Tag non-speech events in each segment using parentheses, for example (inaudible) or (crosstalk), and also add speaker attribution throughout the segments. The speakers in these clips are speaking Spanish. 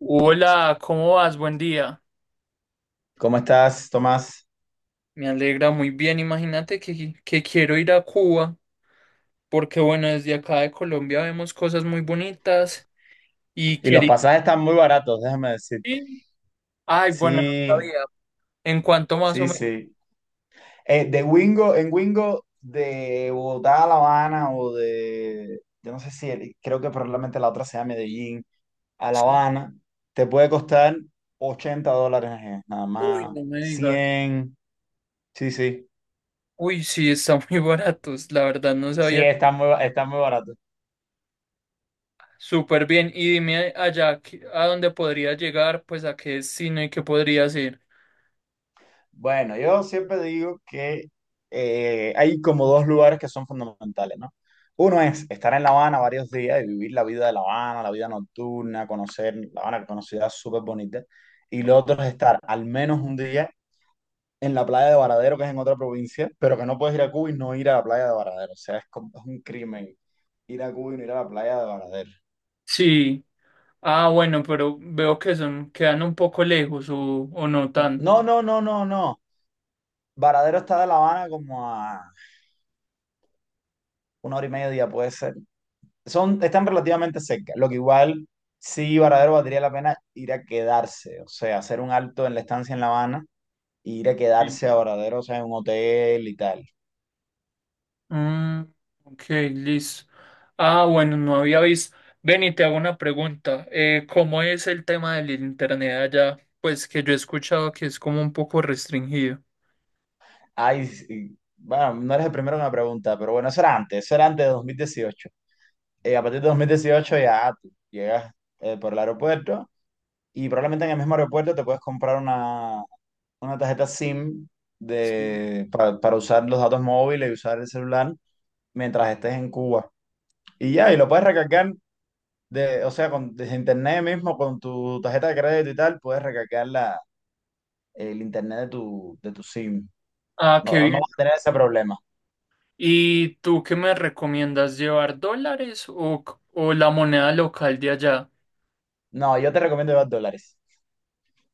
Speaker 1: Hola, ¿cómo vas? Buen día.
Speaker 2: ¿Cómo estás, Tomás?
Speaker 1: Me alegra muy bien. Imagínate que quiero ir a Cuba, porque bueno, desde acá de Colombia vemos cosas muy bonitas y
Speaker 2: Y los
Speaker 1: quería
Speaker 2: pasajes están muy baratos, déjame decir.
Speaker 1: ir. Ay, bueno, no
Speaker 2: Sí,
Speaker 1: sabía. ¿En cuanto más o
Speaker 2: sí,
Speaker 1: menos?
Speaker 2: sí. De Wingo, en Wingo, de Bogotá a La Habana o yo no sé si, creo que probablemente la otra sea Medellín, a La
Speaker 1: Sí.
Speaker 2: Habana, te puede costar $80, nada
Speaker 1: Uy,
Speaker 2: más,
Speaker 1: no me digas.
Speaker 2: 100. Sí, sí.
Speaker 1: Uy, sí, están (laughs) muy baratos. La verdad, no
Speaker 2: Sí,
Speaker 1: sabía.
Speaker 2: está está muy barato.
Speaker 1: Súper bien. Y dime allá, ¿a dónde podría llegar, pues a qué destino y qué podría hacer?
Speaker 2: Bueno, yo siempre digo que hay como dos lugares que son fundamentales, ¿no? Uno es estar en La Habana varios días y vivir la vida de La Habana, la vida nocturna, conocer La Habana, que es una ciudad súper bonita. Y lo otro es estar al menos un día en la playa de Varadero, que es en otra provincia, pero que no puedes ir a Cuba y no ir a la playa de Varadero. O sea, es, es un crimen ir a Cuba y no ir a la playa de Varadero.
Speaker 1: Sí. Ah, bueno, pero veo que son, quedan un poco lejos o no tanto.
Speaker 2: No, no, no, no, no. Varadero está de La Habana como a una hora y media, puede ser. Están relativamente cerca, lo que igual sí, Varadero valdría la pena ir a quedarse, o sea, hacer un alto en la estancia en La Habana, e ir a quedarse a Varadero, o sea, en un hotel y tal.
Speaker 1: Mm, ok, listo. Ah, bueno, no había visto. Ven y te hago una pregunta. ¿Cómo es el tema del internet allá? Pues que yo he escuchado que es como un poco restringido.
Speaker 2: Ay, sí, bueno, no eres el primero que me pregunta, pero bueno, eso era antes de 2018. A partir de 2018 ya tú llegas por el aeropuerto y probablemente en el mismo aeropuerto te puedes comprar una tarjeta SIM
Speaker 1: Sí.
Speaker 2: para usar los datos móviles y usar el celular mientras estés en Cuba. Y ya, y lo puedes recargar, o sea, desde internet mismo, con tu tarjeta de crédito y tal, puedes recargar el internet de tu SIM.
Speaker 1: Ah, qué
Speaker 2: No, no
Speaker 1: bien.
Speaker 2: vas a tener ese problema.
Speaker 1: ¿Y tú qué me recomiendas llevar, dólares o, o la moneda local de allá?
Speaker 2: No, yo te recomiendo llevar dólares.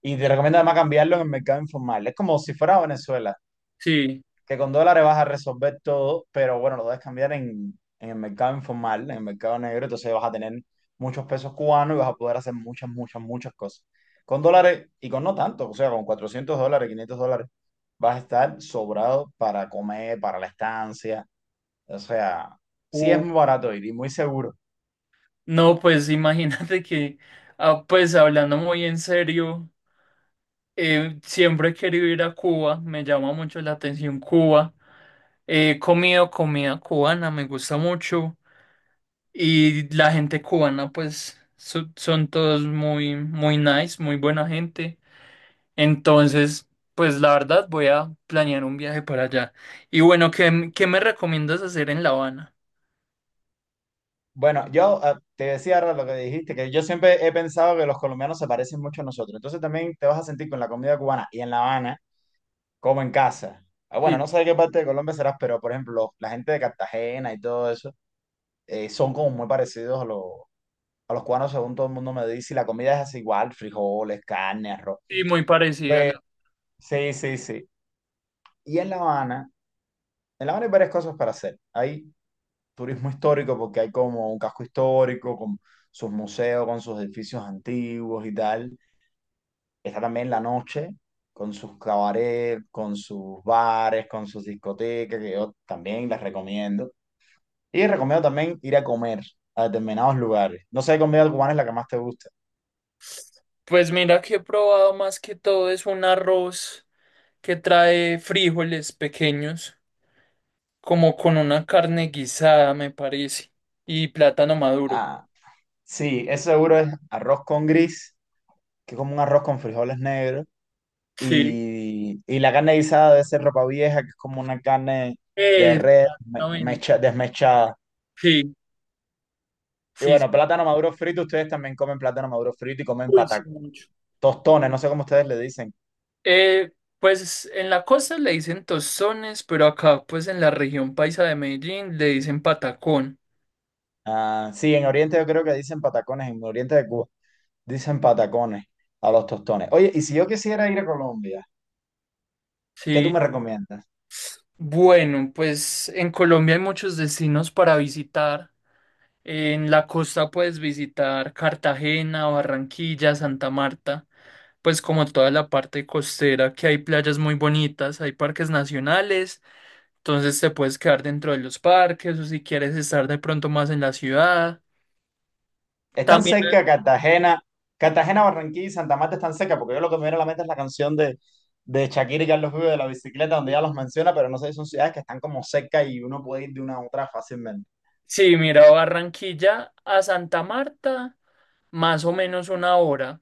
Speaker 2: Y te recomiendo además cambiarlo en el mercado informal. Es como si fuera Venezuela.
Speaker 1: Sí.
Speaker 2: Que con dólares vas a resolver todo, pero bueno, lo debes cambiar en el mercado informal, en el mercado negro, entonces vas a tener muchos pesos cubanos y vas a poder hacer muchas, muchas, muchas cosas. Con dólares y con no tanto, o sea, con $400, $500, vas a estar sobrado para comer, para la estancia, o sea, sí es
Speaker 1: Uh,
Speaker 2: muy barato ir y muy seguro.
Speaker 1: no, pues (laughs) imagínate que, ah, pues hablando muy en serio, siempre he querido ir a Cuba, me llama mucho la atención Cuba. He comido comida cubana, me gusta mucho. Y la gente cubana, pues, son todos muy, muy nice, muy buena gente. Entonces, pues, la verdad, voy a planear un viaje para allá. Y bueno, ¿qué me recomiendas hacer en La Habana?
Speaker 2: Bueno, yo te decía ahora lo que dijiste, que yo siempre he pensado que los colombianos se parecen mucho a nosotros. Entonces también te vas a sentir con la comida cubana y en La Habana como en casa. Ah, bueno, no
Speaker 1: Sí,
Speaker 2: sé de qué parte de Colombia serás, pero por ejemplo, los la gente de Cartagena y todo eso son como muy parecidos a los cubanos, según todo el mundo me dice, y la comida es así igual, frijoles, carne, arroz.
Speaker 1: sí, muy parecida.
Speaker 2: Pues sí, sí, sí. Y en La Habana hay varias cosas para hacer. Hay turismo histórico porque hay como un casco histórico con sus museos, con sus edificios antiguos y tal. Está también la noche, con sus cabarets, con sus bares, con sus discotecas, que yo también las recomiendo. Y recomiendo también ir a comer a determinados lugares. No sé qué comida cubana es la que más te gusta.
Speaker 1: Pues mira que he probado más que todo es un arroz que trae frijoles pequeños, como con una carne guisada, me parece, y plátano maduro.
Speaker 2: Ah, sí, eso seguro es arroz con gris, que es como un arroz con frijoles negros.
Speaker 1: Sí.
Speaker 2: Y la carne guisada debe ser ropa vieja, que es como una carne de red me-
Speaker 1: Exactamente.
Speaker 2: mecha- desmechada.
Speaker 1: Sí,
Speaker 2: Y
Speaker 1: sí, sí.
Speaker 2: bueno, plátano maduro frito, ustedes también comen plátano maduro frito y comen
Speaker 1: Uy, sí,
Speaker 2: patacones,
Speaker 1: mucho.
Speaker 2: tostones, no sé cómo ustedes le dicen.
Speaker 1: Eh, pues en la costa le dicen tostones, pero acá, pues en la región paisa de Medellín le dicen patacón.
Speaker 2: Ah, sí, en Oriente yo creo que dicen patacones, en Oriente de Cuba dicen patacones a los tostones. Oye, y si yo quisiera ir a Colombia, ¿qué tú
Speaker 1: Sí.
Speaker 2: me recomiendas?
Speaker 1: Bueno, pues en Colombia hay muchos destinos para visitar. En la costa puedes visitar Cartagena, Barranquilla, Santa Marta. Pues como toda la parte costera, que hay playas muy bonitas, hay parques nacionales. Entonces te puedes quedar dentro de los parques o si quieres estar de pronto más en la ciudad.
Speaker 2: ¿Están
Speaker 1: También,
Speaker 2: seca Cartagena? Cartagena, Barranquilla y Santa Marta están seca porque yo lo que me viene a la mente es la canción de Shakira y Carlos Vives de la bicicleta, donde ya los menciona, pero no sé si son ciudades que están como cerca y uno puede ir de una a otra fácilmente.
Speaker 1: sí, mira, Barranquilla a Santa Marta, más o menos una hora.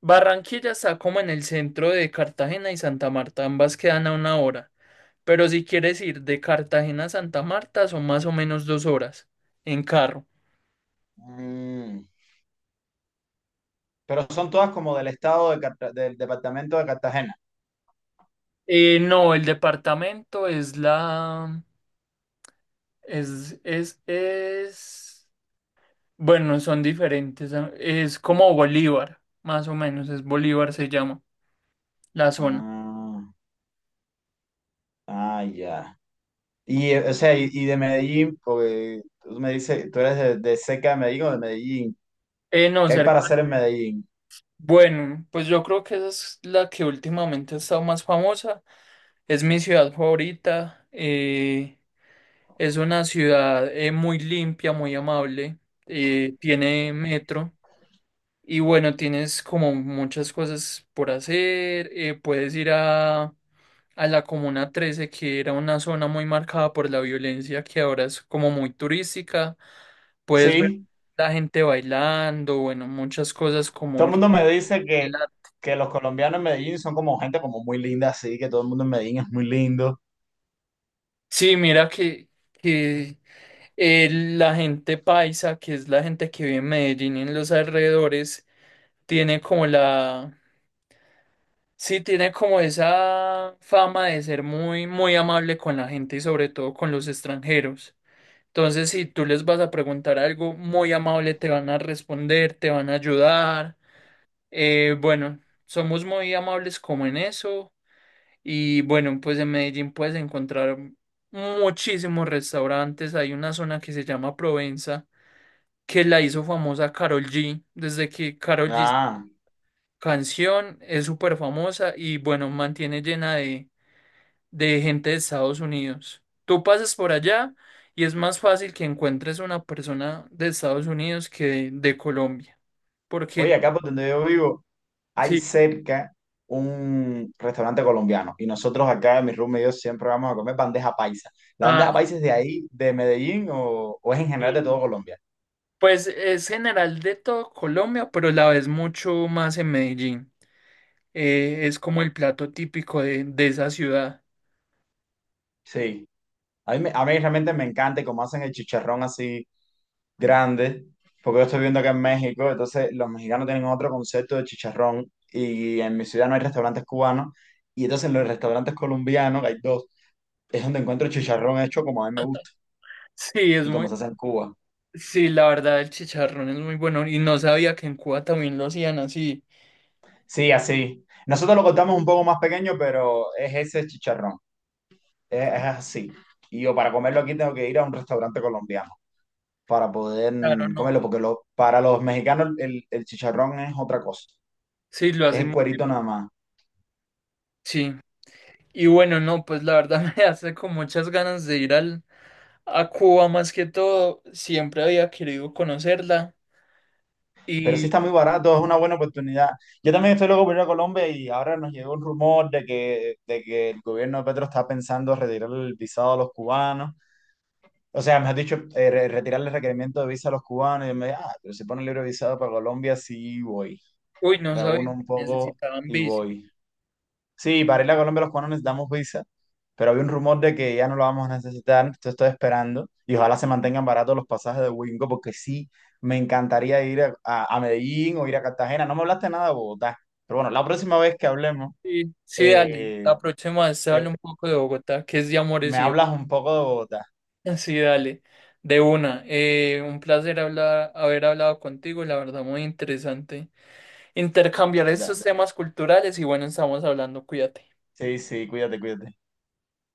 Speaker 1: Barranquilla está como en el centro de Cartagena y Santa Marta, ambas quedan a una hora. Pero si quieres ir de Cartagena a Santa Marta, son más o menos dos horas en carro.
Speaker 2: Mm. Pero son todas como del estado de del departamento de Cartagena.
Speaker 1: No, el departamento es la... Es, es, es... Bueno, son diferentes. Ah, es como Bolívar, más o menos. Es Bolívar, se llama la zona.
Speaker 2: Ah, ah, ya. Y, o sea, y de Medellín, porque tú me dices, tú eres de cerca de Medellín o de Medellín.
Speaker 1: No,
Speaker 2: ¿Qué hay para
Speaker 1: cerca.
Speaker 2: hacer en Medellín?
Speaker 1: Bueno, pues yo creo que esa es la que últimamente ha estado más famosa. Es mi ciudad favorita. Es una ciudad muy limpia, muy amable. Tiene metro. Y bueno, tienes como muchas cosas por hacer. Puedes ir a la Comuna 13, que era una zona muy marcada por la violencia, que ahora es como muy turística. Puedes ver
Speaker 2: Sí.
Speaker 1: la gente bailando, bueno, muchas cosas
Speaker 2: Todo
Speaker 1: como...
Speaker 2: el mundo me dice que los colombianos en Medellín son como gente como muy linda, así que todo el mundo en Medellín es muy lindo.
Speaker 1: Sí, mira que la gente paisa, que es la gente que vive en Medellín y en los alrededores, tiene como la... Sí, tiene como esa fama de ser muy, muy amable con la gente y sobre todo con los extranjeros. Entonces, si tú les vas a preguntar algo muy amable, te van a responder, te van a ayudar. Bueno, somos muy amables como en eso. Y bueno, pues en Medellín puedes encontrar muchísimos restaurantes. Hay una zona que se llama Provenza, que la hizo famosa Karol G. Desde que Karol G
Speaker 2: Ah,
Speaker 1: canción es súper famosa y bueno, mantiene llena de gente de Estados Unidos. Tú pasas por allá y es más fácil que encuentres una persona de Estados Unidos que de Colombia,
Speaker 2: oye,
Speaker 1: porque
Speaker 2: acá por donde yo vivo hay
Speaker 1: sí,
Speaker 2: cerca un restaurante colombiano y nosotros acá, mi room y yo, siempre vamos a comer bandeja paisa. ¿La
Speaker 1: ah,
Speaker 2: bandeja paisa es de ahí, de Medellín o es en general de todo
Speaker 1: sí,
Speaker 2: Colombia?
Speaker 1: pues es general de todo Colombia, pero la ves mucho más en Medellín. Es como el plato típico de esa ciudad.
Speaker 2: Sí, a mí, a mí realmente me encanta y como hacen el chicharrón así grande, porque yo estoy viendo que en México, entonces los mexicanos tienen otro concepto de chicharrón y en mi ciudad no hay restaurantes cubanos y entonces en los restaurantes colombianos, que hay dos, es donde encuentro chicharrón hecho como a mí me gusta
Speaker 1: Sí, es
Speaker 2: y
Speaker 1: muy,
Speaker 2: como se hace en Cuba.
Speaker 1: sí, la verdad el chicharrón es muy bueno y no sabía que en Cuba también lo hacían así.
Speaker 2: Sí, así. Nosotros lo cortamos un poco más pequeño, pero es ese chicharrón, es así. Y yo para comerlo aquí tengo que ir a un restaurante colombiano para poder
Speaker 1: Claro, no,
Speaker 2: comerlo, porque para los mexicanos el chicharrón es otra cosa,
Speaker 1: sí, lo
Speaker 2: es
Speaker 1: hacen,
Speaker 2: el cuerito nada más.
Speaker 1: sí. Y bueno, no, pues la verdad (laughs) me hace con muchas ganas de ir a Cuba más que todo. Siempre había querido conocerla
Speaker 2: Pero sí
Speaker 1: y,
Speaker 2: está muy barato, es una buena oportunidad. Yo también estoy loco por ir a Colombia y ahora nos llegó un rumor de que el gobierno de Petro está pensando retirar el visado a los cubanos. O sea, me has dicho, retirarle el requerimiento de visa a los cubanos. Y yo me dije, ah, pero si pone libre visado para Colombia, sí voy.
Speaker 1: uy, no sabía
Speaker 2: Reúno un
Speaker 1: que
Speaker 2: poco
Speaker 1: necesitaban
Speaker 2: y
Speaker 1: visa.
Speaker 2: voy. Sí, para ir a Colombia los cubanos necesitamos visa, pero había un rumor de que ya no lo vamos a necesitar, entonces estoy esperando y ojalá se mantengan baratos los pasajes de Wingo porque sí, me encantaría ir a Medellín o ir a Cartagena. No me hablaste nada de Bogotá, pero bueno, la próxima vez que hablemos,
Speaker 1: Sí, sí, dale.
Speaker 2: eh,
Speaker 1: La próxima vez te hablo
Speaker 2: te-
Speaker 1: un poco de Bogotá, que es de amores
Speaker 2: me
Speaker 1: y...
Speaker 2: hablas un poco de Bogotá.
Speaker 1: (laughs) Sí, dale. De una. Un placer hablar, haber hablado contigo, la verdad, muy interesante. Intercambiar estos
Speaker 2: Da.
Speaker 1: temas culturales y bueno, estamos hablando, cuídate.
Speaker 2: Sí, sí, cuídate, cuídate.